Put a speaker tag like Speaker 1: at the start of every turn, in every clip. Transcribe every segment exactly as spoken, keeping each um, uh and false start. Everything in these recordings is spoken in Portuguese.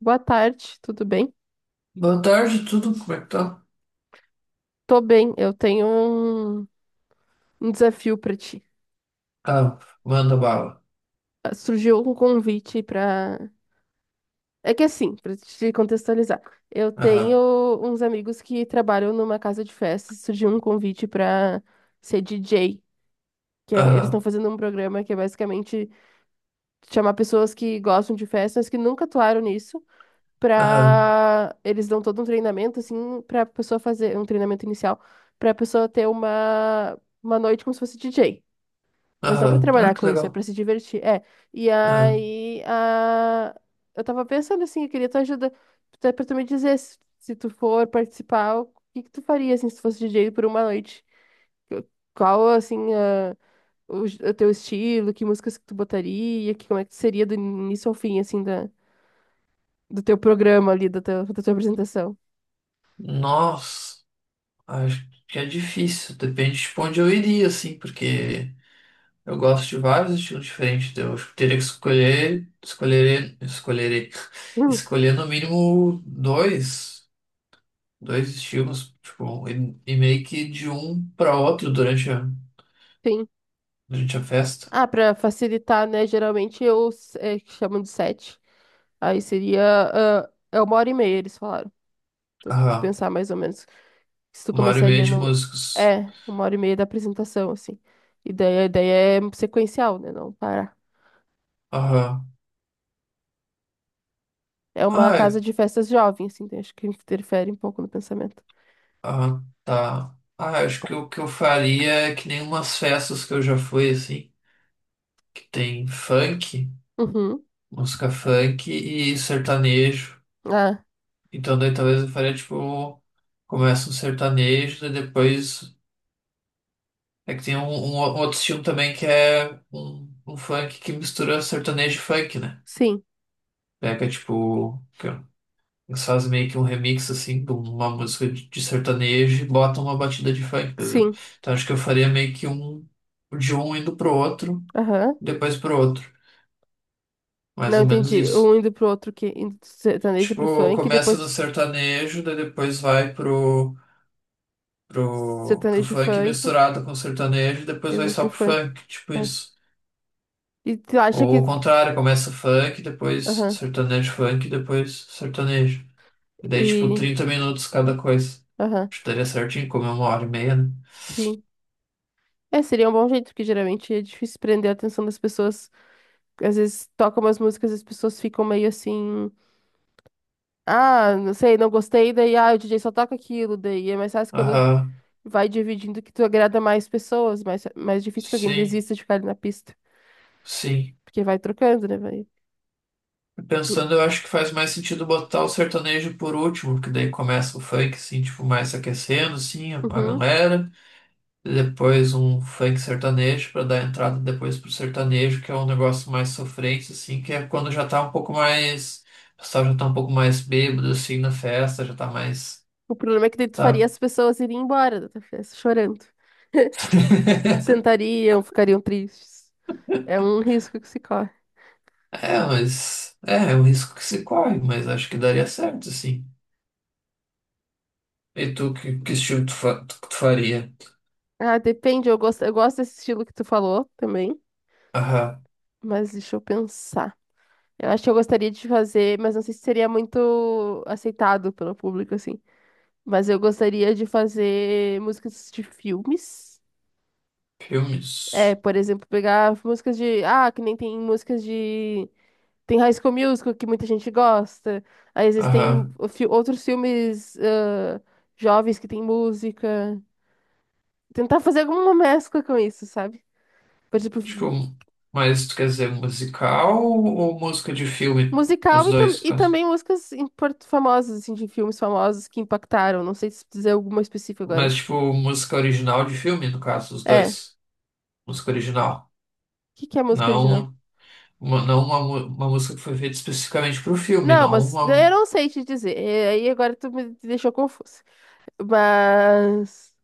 Speaker 1: Boa tarde, tudo bem?
Speaker 2: Boa tarde, tudo? Como é que tá?
Speaker 1: Tô bem, eu tenho um, um desafio pra ti.
Speaker 2: Ah, manda bala.
Speaker 1: Ah, Surgiu um convite pra. É que assim, pra te contextualizar, eu tenho
Speaker 2: Aham,
Speaker 1: uns amigos que trabalham numa casa de festas, surgiu um convite pra ser D J, que é- eles estão
Speaker 2: aham,
Speaker 1: fazendo um programa que é basicamente chamar pessoas que gostam de festas, que nunca atuaram nisso,
Speaker 2: aham,
Speaker 1: pra. Eles dão todo um treinamento, assim, pra pessoa fazer, um treinamento inicial, pra pessoa ter uma, uma noite como se fosse D J. Mas não para
Speaker 2: aham. Ah,
Speaker 1: trabalhar
Speaker 2: que
Speaker 1: com isso, é
Speaker 2: legal.
Speaker 1: para se divertir. É. E
Speaker 2: Aham.
Speaker 1: aí, a... eu tava pensando assim, eu queria tua ajuda até para tu me dizer se, se tu for participar, o que que tu faria assim se tu fosse D J por uma noite? Eu- Qual assim a... o... j- O teu estilo, que músicas que tu botaria, que como é que seria do início ao fim assim da... do teu programa ali, da... tua, da tua apresentação?
Speaker 2: Nossa, acho que é difícil. Depende de onde eu iria, assim, porque eu gosto de vários estilos diferentes. Então eu acho que teria que escolher, escolherei, escolherei,
Speaker 1: Hum,
Speaker 2: escolher no mínimo dois, dois estilos, tipo, e, e meio que de um para outro durante a,
Speaker 1: sim.
Speaker 2: durante a festa.
Speaker 1: Ah, para facilitar, né? Geralmente eu s- é, que chamam de set. Aí seria ah, é uma hora e meia, eles falaram. Tu, tu
Speaker 2: Aham,
Speaker 1: pensar mais ou menos se tu
Speaker 2: uma hora e meia
Speaker 1: começaria
Speaker 2: de
Speaker 1: num,
Speaker 2: músicos.
Speaker 1: é, uma hora e meia da apresentação, assim. E daí a ideia é sequencial, né? Não parar.
Speaker 2: Aham.
Speaker 1: É uma
Speaker 2: Ah,
Speaker 1: casa de festas jovem, assim, então acho que interfere um pouco no pensamento.
Speaker 2: ah, tá. Ah, acho que o que eu faria é que nem umas festas que eu já fui, assim, que tem funk,
Speaker 1: Uhum.
Speaker 2: música funk e sertanejo.
Speaker 1: Ah,
Speaker 2: Então daí talvez eu faria, tipo, começa um sertanejo, daí depois é que tem um, um o- outro estilo também que é um, um funk que mistura sertanejo e funk, né?
Speaker 1: sim,
Speaker 2: Pega, tipo, eles fazem meio que um remix assim de uma música de de sertanejo e botam uma batida de funk, por exemplo.
Speaker 1: sim.
Speaker 2: Então acho que eu faria meio que um de um indo pro outro,
Speaker 1: Aham.
Speaker 2: depois pro outro. Mais
Speaker 1: Não
Speaker 2: ou menos
Speaker 1: entendi. Um
Speaker 2: isso.
Speaker 1: indo pro outro que indo do sertanejo pro
Speaker 2: Tipo,
Speaker 1: funk,
Speaker 2: começa no
Speaker 1: depois
Speaker 2: sertanejo, daí depois vai pro, pro, pro
Speaker 1: sertanejo
Speaker 2: funk
Speaker 1: funk,
Speaker 2: misturado com sertanejo, depois vai
Speaker 1: depois pro
Speaker 2: só pro
Speaker 1: funk.
Speaker 2: funk, tipo
Speaker 1: É.
Speaker 2: isso.
Speaker 1: E tu acha que.
Speaker 2: Ou o contrário, começa funk, depois
Speaker 1: Aham.
Speaker 2: sertanejo funk, depois sertanejo. E daí, tipo,
Speaker 1: E.
Speaker 2: trinta minutos cada coisa.
Speaker 1: Aham.
Speaker 2: Acho que daria certinho, como é uma hora e meia, né?
Speaker 1: Sim. É, seria um bom jeito, porque geralmente é difícil prender a atenção das pessoas, às vezes toca umas músicas e as pessoas ficam meio assim, ah, não sei, não gostei, daí, ah, o D J só toca aquilo, daí é mais fácil quando
Speaker 2: Aham,
Speaker 1: vai dividindo que tu agrada mais pessoas, mais, mais difícil que alguém
Speaker 2: sim,
Speaker 1: desista de ficar ali na pista,
Speaker 2: sim.
Speaker 1: porque vai trocando, né, vai. Hum,
Speaker 2: Pensando, eu acho que faz mais sentido botar o sertanejo por último, porque daí começa o funk, assim, tipo, mais se aquecendo, assim, a a
Speaker 1: uhum.
Speaker 2: galera. E depois um funk sertanejo pra dar entrada depois pro sertanejo, que é um negócio mais sofrente, assim, que é quando já tá um pouco mais. O pessoal já tá um pouco mais bêbado, assim, na festa, já tá mais.
Speaker 1: O problema é que daí tu faria
Speaker 2: Tá.
Speaker 1: as pessoas irem embora da tua festa, chorando. Sentariam, ficariam tristes. É um risco que se corre.
Speaker 2: É, mas. É, é um risco que se corre, mas acho que daria certo, assim. E tu, que, que estilo tu, fa- tu tu faria?
Speaker 1: Ah, depende, eu gosto, eu gosto desse estilo que tu falou também,
Speaker 2: Aham.
Speaker 1: mas deixa eu pensar. Eu acho que eu gostaria de fazer, mas não sei se seria muito aceitado pelo público, assim. Mas eu gostaria de fazer músicas de filmes. É,
Speaker 2: Filmes.
Speaker 1: por exemplo, pegar músicas de. Ah, que nem tem músicas de. Tem High School Musical, que muita gente gosta. Aí existem
Speaker 2: Aham.
Speaker 1: fi- outros filmes ah, jovens que tem música. Tentar fazer alguma mescla com isso, sabe? Por exemplo,
Speaker 2: Acho que o... Mas tu quer dizer musical ou música de filme?
Speaker 1: musical
Speaker 2: Os
Speaker 1: e, tam
Speaker 2: dois, no
Speaker 1: e
Speaker 2: caso.
Speaker 1: também músicas import- famosas, assim, de filmes famosos que impactaram. Não sei se dizer alguma específica agora.
Speaker 2: Mas, tipo, música original de filme, no caso, os
Speaker 1: É. O
Speaker 2: dois. Música original.
Speaker 1: que, que é música original?
Speaker 2: Não uma, não uma, mu- uma música que foi feita especificamente pro filme,
Speaker 1: Não,
Speaker 2: não
Speaker 1: mas eu
Speaker 2: uma.
Speaker 1: não sei te dizer. É, aí agora tu me deixou confusa. Mas.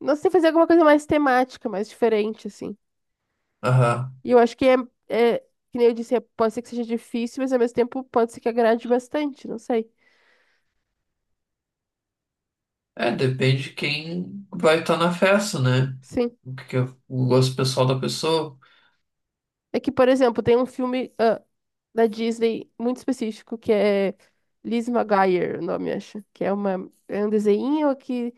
Speaker 1: Não sei, fazer alguma coisa mais temática, mais diferente, assim.
Speaker 2: Aham.
Speaker 1: E eu acho que é, é, que nem eu disse, é- pode ser que seja difícil, mas ao mesmo tempo pode ser que agrade bastante, não sei.
Speaker 2: É, depende de quem vai estar na festa, né?
Speaker 1: Sim.
Speaker 2: O que que é o gosto pessoal da pessoa.
Speaker 1: É que, por exemplo, tem um filme. Ah, da Disney muito específico, que é Liz Maguire, o nome, acho. Que é uma, é um desenho que.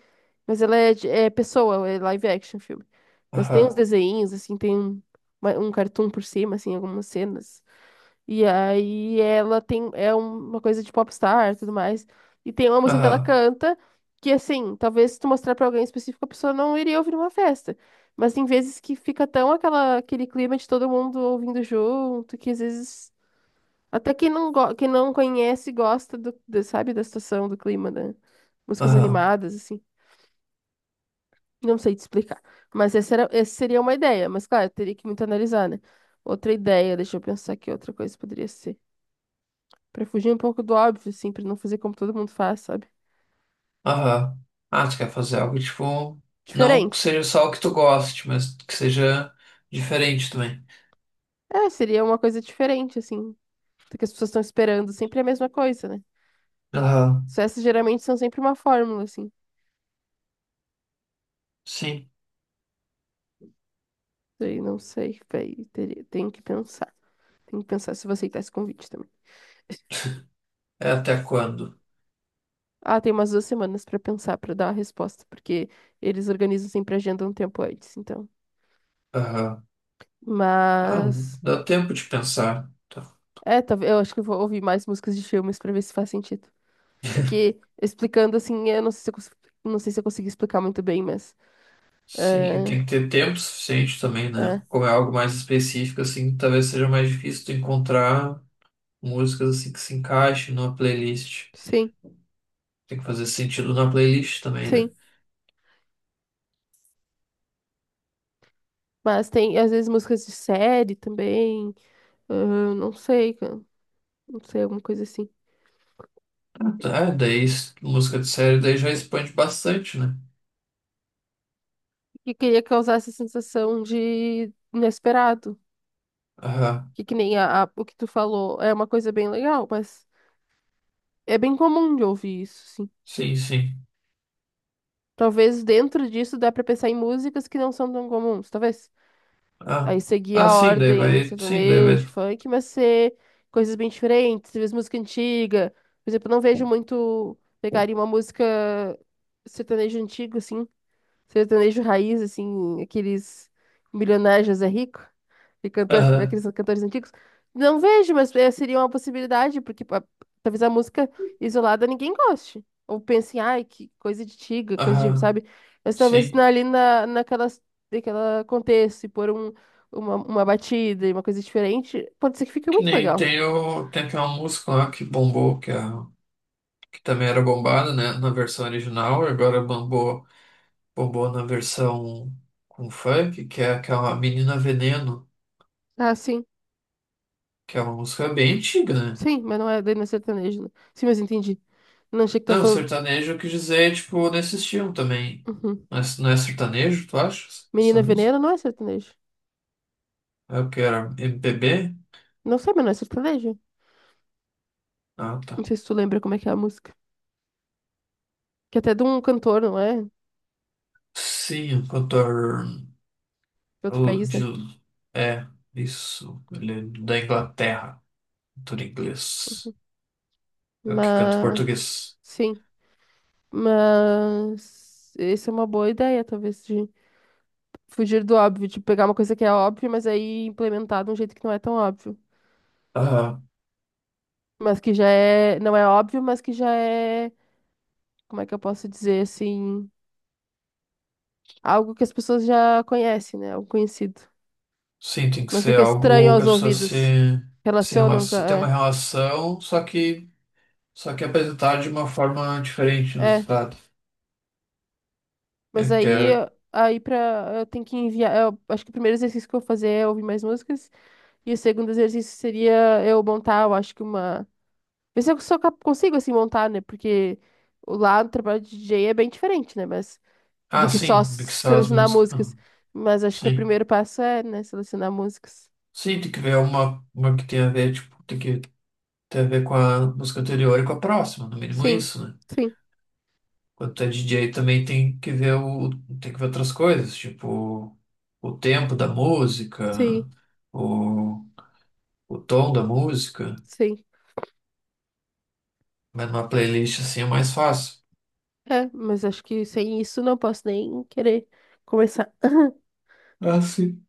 Speaker 1: Mas ela é, de- é pessoa, é live action filme. Mas tem uns
Speaker 2: Aham.
Speaker 1: desenhos, assim, tem um, uma- um cartoon por cima, assim, algumas cenas. E aí ela tem. É uma coisa de popstar e tudo mais. E tem uma música que ela
Speaker 2: Aham.
Speaker 1: canta. Que assim, talvez se tu mostrar pra alguém específico, a pessoa não iria ouvir numa festa. Mas tem vezes que fica tão aquela, aquele clima de todo mundo ouvindo junto, que às vezes até quem não, go- quem não conhece gosta do, do- sabe, da situação, do clima, da músicas
Speaker 2: Aham.
Speaker 1: animadas, assim. Não sei te explicar. Mas essa, era, essa seria uma ideia, mas claro, teria que muito analisar, né? Outra ideia, deixa eu pensar que outra coisa poderia ser. Pra fugir um pouco do óbvio, assim, pra não fazer como todo mundo faz, sabe?
Speaker 2: Aham. Ah, tu quer fazer algo tipo. Não que
Speaker 1: Diferente.
Speaker 2: seja só o que tu goste, mas que seja diferente também.
Speaker 1: É, seria uma coisa diferente, assim, do que as pessoas estão esperando. Sempre é a mesma coisa, né?
Speaker 2: Aham.
Speaker 1: Sucessos geralmente são sempre uma fórmula, assim.
Speaker 2: Sim.
Speaker 1: Daí não sei, véi, teria, tenho que pensar. Tenho que pensar se você aceitar esse convite também.
Speaker 2: É até quando?
Speaker 1: Ah, tem umas duas semanas pra pensar, pra dar a resposta, porque eles organizam sempre a agenda um tempo antes, então.
Speaker 2: Aham. Ah,
Speaker 1: Mas.
Speaker 2: dá tempo de pensar. Tá.
Speaker 1: É, talvez eu acho que eu vou ouvir mais músicas de filmes pra ver se faz sentido. É que, explicando assim, eu não sei se eu, cons- não sei se eu consegui explicar muito bem, mas.
Speaker 2: Sim, e
Speaker 1: É,
Speaker 2: tem que ter tempo suficiente também, né?
Speaker 1: é,
Speaker 2: Como é algo mais específico, assim, talvez seja mais difícil tu encontrar músicas assim que se encaixem numa playlist.
Speaker 1: sim,
Speaker 2: Tem que fazer sentido na playlist também, né?
Speaker 1: sim. Mas tem, às vezes, músicas de série também. Ah, não sei, cara, não sei, alguma coisa assim.
Speaker 2: Ah, daí s- música de série daí já expande bastante, né?
Speaker 1: E queria causar essa sensação de inesperado.
Speaker 2: Aham.
Speaker 1: Que, que nem a, a- o que tu falou é uma coisa bem legal, mas é bem comum de ouvir isso, sim.
Speaker 2: Sim, sim.
Speaker 1: Talvez dentro disso dá pra pensar em músicas que não são tão comuns, talvez.
Speaker 2: Ah,
Speaker 1: Aí seguir
Speaker 2: ah,
Speaker 1: a
Speaker 2: sim, daí
Speaker 1: ordem
Speaker 2: vai, sim, daí
Speaker 1: sertanejo,
Speaker 2: vai.
Speaker 1: funk, mas ser coisas bem diferentes, talvez música antiga. Por exemplo, eu não vejo muito pegarem uma música sertanejo antigo, assim. Sertanejo raiz, assim, aqueles milionários José Rico e cantor,
Speaker 2: Aham,
Speaker 1: aqueles cantores antigos. Não vejo, mas eh, seria uma possibilidade, porque pa- talvez a música isolada ninguém goste. Ou pense, ai, que coisa de tiga, coisa de,
Speaker 2: aham,
Speaker 1: sabe? Mas talvez
Speaker 2: sim.
Speaker 1: na- ali na, naquelas, naquela contexto e pôr um, uma, uma batida e uma coisa diferente, pode ser que fique
Speaker 2: Que
Speaker 1: muito
Speaker 2: nem
Speaker 1: legal.
Speaker 2: tem, o, tem aquela música lá que bombou, que, a, que também era bombada, né, na versão original, agora bombou, bombou na versão com funk, que é aquela Menina Veneno,
Speaker 1: Ah, sim,
Speaker 2: que é uma música bem antiga, né?
Speaker 1: sim, mas não é, daí não é sertanejo, né? Sim, mas entendi. Não achei que tá
Speaker 2: Não,
Speaker 1: falando.
Speaker 2: sertanejo eu quis dizer, tipo, nesse estilo também.
Speaker 1: Uhum.
Speaker 2: Não é, não é sertanejo, tu acha? Essa
Speaker 1: Menina Veneno
Speaker 2: música?
Speaker 1: não é sertanejo.
Speaker 2: É o que era? M P B?
Speaker 1: Não sei, mas não é sertanejo.
Speaker 2: Ah,
Speaker 1: Não
Speaker 2: tá.
Speaker 1: sei se tu lembra como é que é a música. Que até é de um cantor, não é? De
Speaker 2: Sim, o cantor.
Speaker 1: outro
Speaker 2: O
Speaker 1: país,
Speaker 2: de,
Speaker 1: né?
Speaker 2: é, isso. Ele é da Inglaterra. Tudo inglês. Eu que canto em
Speaker 1: Mas.
Speaker 2: português.
Speaker 1: Sim. Mas. Essa é uma boa ideia, talvez, de fugir do óbvio, de pegar uma coisa que é óbvia, mas aí implementar de um jeito que não é tão óbvio.
Speaker 2: Ah,
Speaker 1: Mas que já é. Não é óbvio, mas que já é. Como é que eu posso dizer assim? Algo que as pessoas já conhecem, né? Algo conhecido.
Speaker 2: sim, tem que
Speaker 1: Não
Speaker 2: ser
Speaker 1: fica estranho
Speaker 2: algo que a
Speaker 1: aos
Speaker 2: pessoa se,
Speaker 1: ouvidos.
Speaker 2: se
Speaker 1: Relacionam
Speaker 2: relaciona, tem
Speaker 1: já.
Speaker 2: uma
Speaker 1: É.
Speaker 2: relação, só que, só que apresentar de uma forma diferente no
Speaker 1: É.
Speaker 2: estado. É
Speaker 1: Mas
Speaker 2: que é,
Speaker 1: aí, aí pra, eu tenho que enviar. Eu acho que o primeiro exercício que eu vou fazer é ouvir mais músicas. E o segundo exercício seria eu montar, eu acho que uma. Ver se eu sou cap- consigo, assim, montar, né? Porque o- lá no trabalho de D J é bem diferente, né? Mas do
Speaker 2: ah,
Speaker 1: que só
Speaker 2: sim, mixar as
Speaker 1: selecionar
Speaker 2: músicas. Ah,
Speaker 1: músicas. Mas acho que o
Speaker 2: sim.
Speaker 1: primeiro passo é, né, selecionar músicas.
Speaker 2: Sim, tem que ver uma, uma que tenha a ver, tipo, tem que ter a ver com a música anterior e com a próxima, no mínimo
Speaker 1: Sim,
Speaker 2: isso, né?
Speaker 1: sim,
Speaker 2: Quando tu é D J também tem que ver o, tem que ver outras coisas, tipo o tempo da
Speaker 1: sim,
Speaker 2: música, o, o tom da música.
Speaker 1: sim.
Speaker 2: Mas numa playlist assim é mais fácil.
Speaker 1: É, mas acho que sem isso não posso nem querer começar.
Speaker 2: Ah, sim.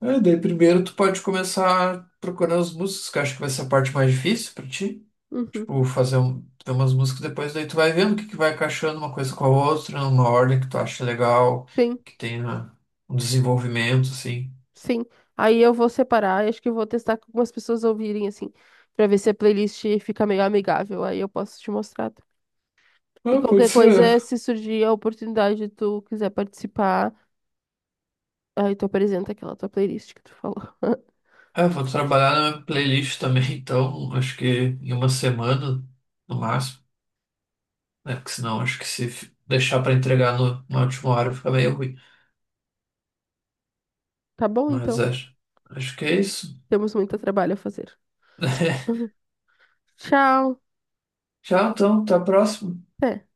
Speaker 2: É, daí primeiro tu pode começar procurando as músicas, que eu acho que vai ser a parte mais difícil pra ti.
Speaker 1: Uhum,
Speaker 2: Tipo, fazer um, ter umas músicas depois, daí tu vai vendo o que, que vai encaixando uma coisa com a outra, numa ordem que tu acha legal,
Speaker 1: sim.
Speaker 2: que tenha um desenvolvimento, assim.
Speaker 1: Sim, aí eu vou separar, acho que vou testar com algumas pessoas ouvirem, assim, pra ver se a playlist fica meio amigável, aí eu posso te mostrar. E
Speaker 2: Ah, pode
Speaker 1: qualquer
Speaker 2: ser.
Speaker 1: coisa, se surgir a oportunidade, tu quiser participar, aí tu apresenta aquela tua playlist que tu falou.
Speaker 2: É, vou trabalhar na minha playlist também, então acho que em uma semana, no máximo, né? Porque senão acho que se f- deixar para entregar no, na última hora fica meio ruim.
Speaker 1: Tá bom,
Speaker 2: Mas
Speaker 1: então?
Speaker 2: acho, acho que é isso.
Speaker 1: Temos muito trabalho a fazer. Tchau!
Speaker 2: Tchau, então, até a próxima.
Speaker 1: Até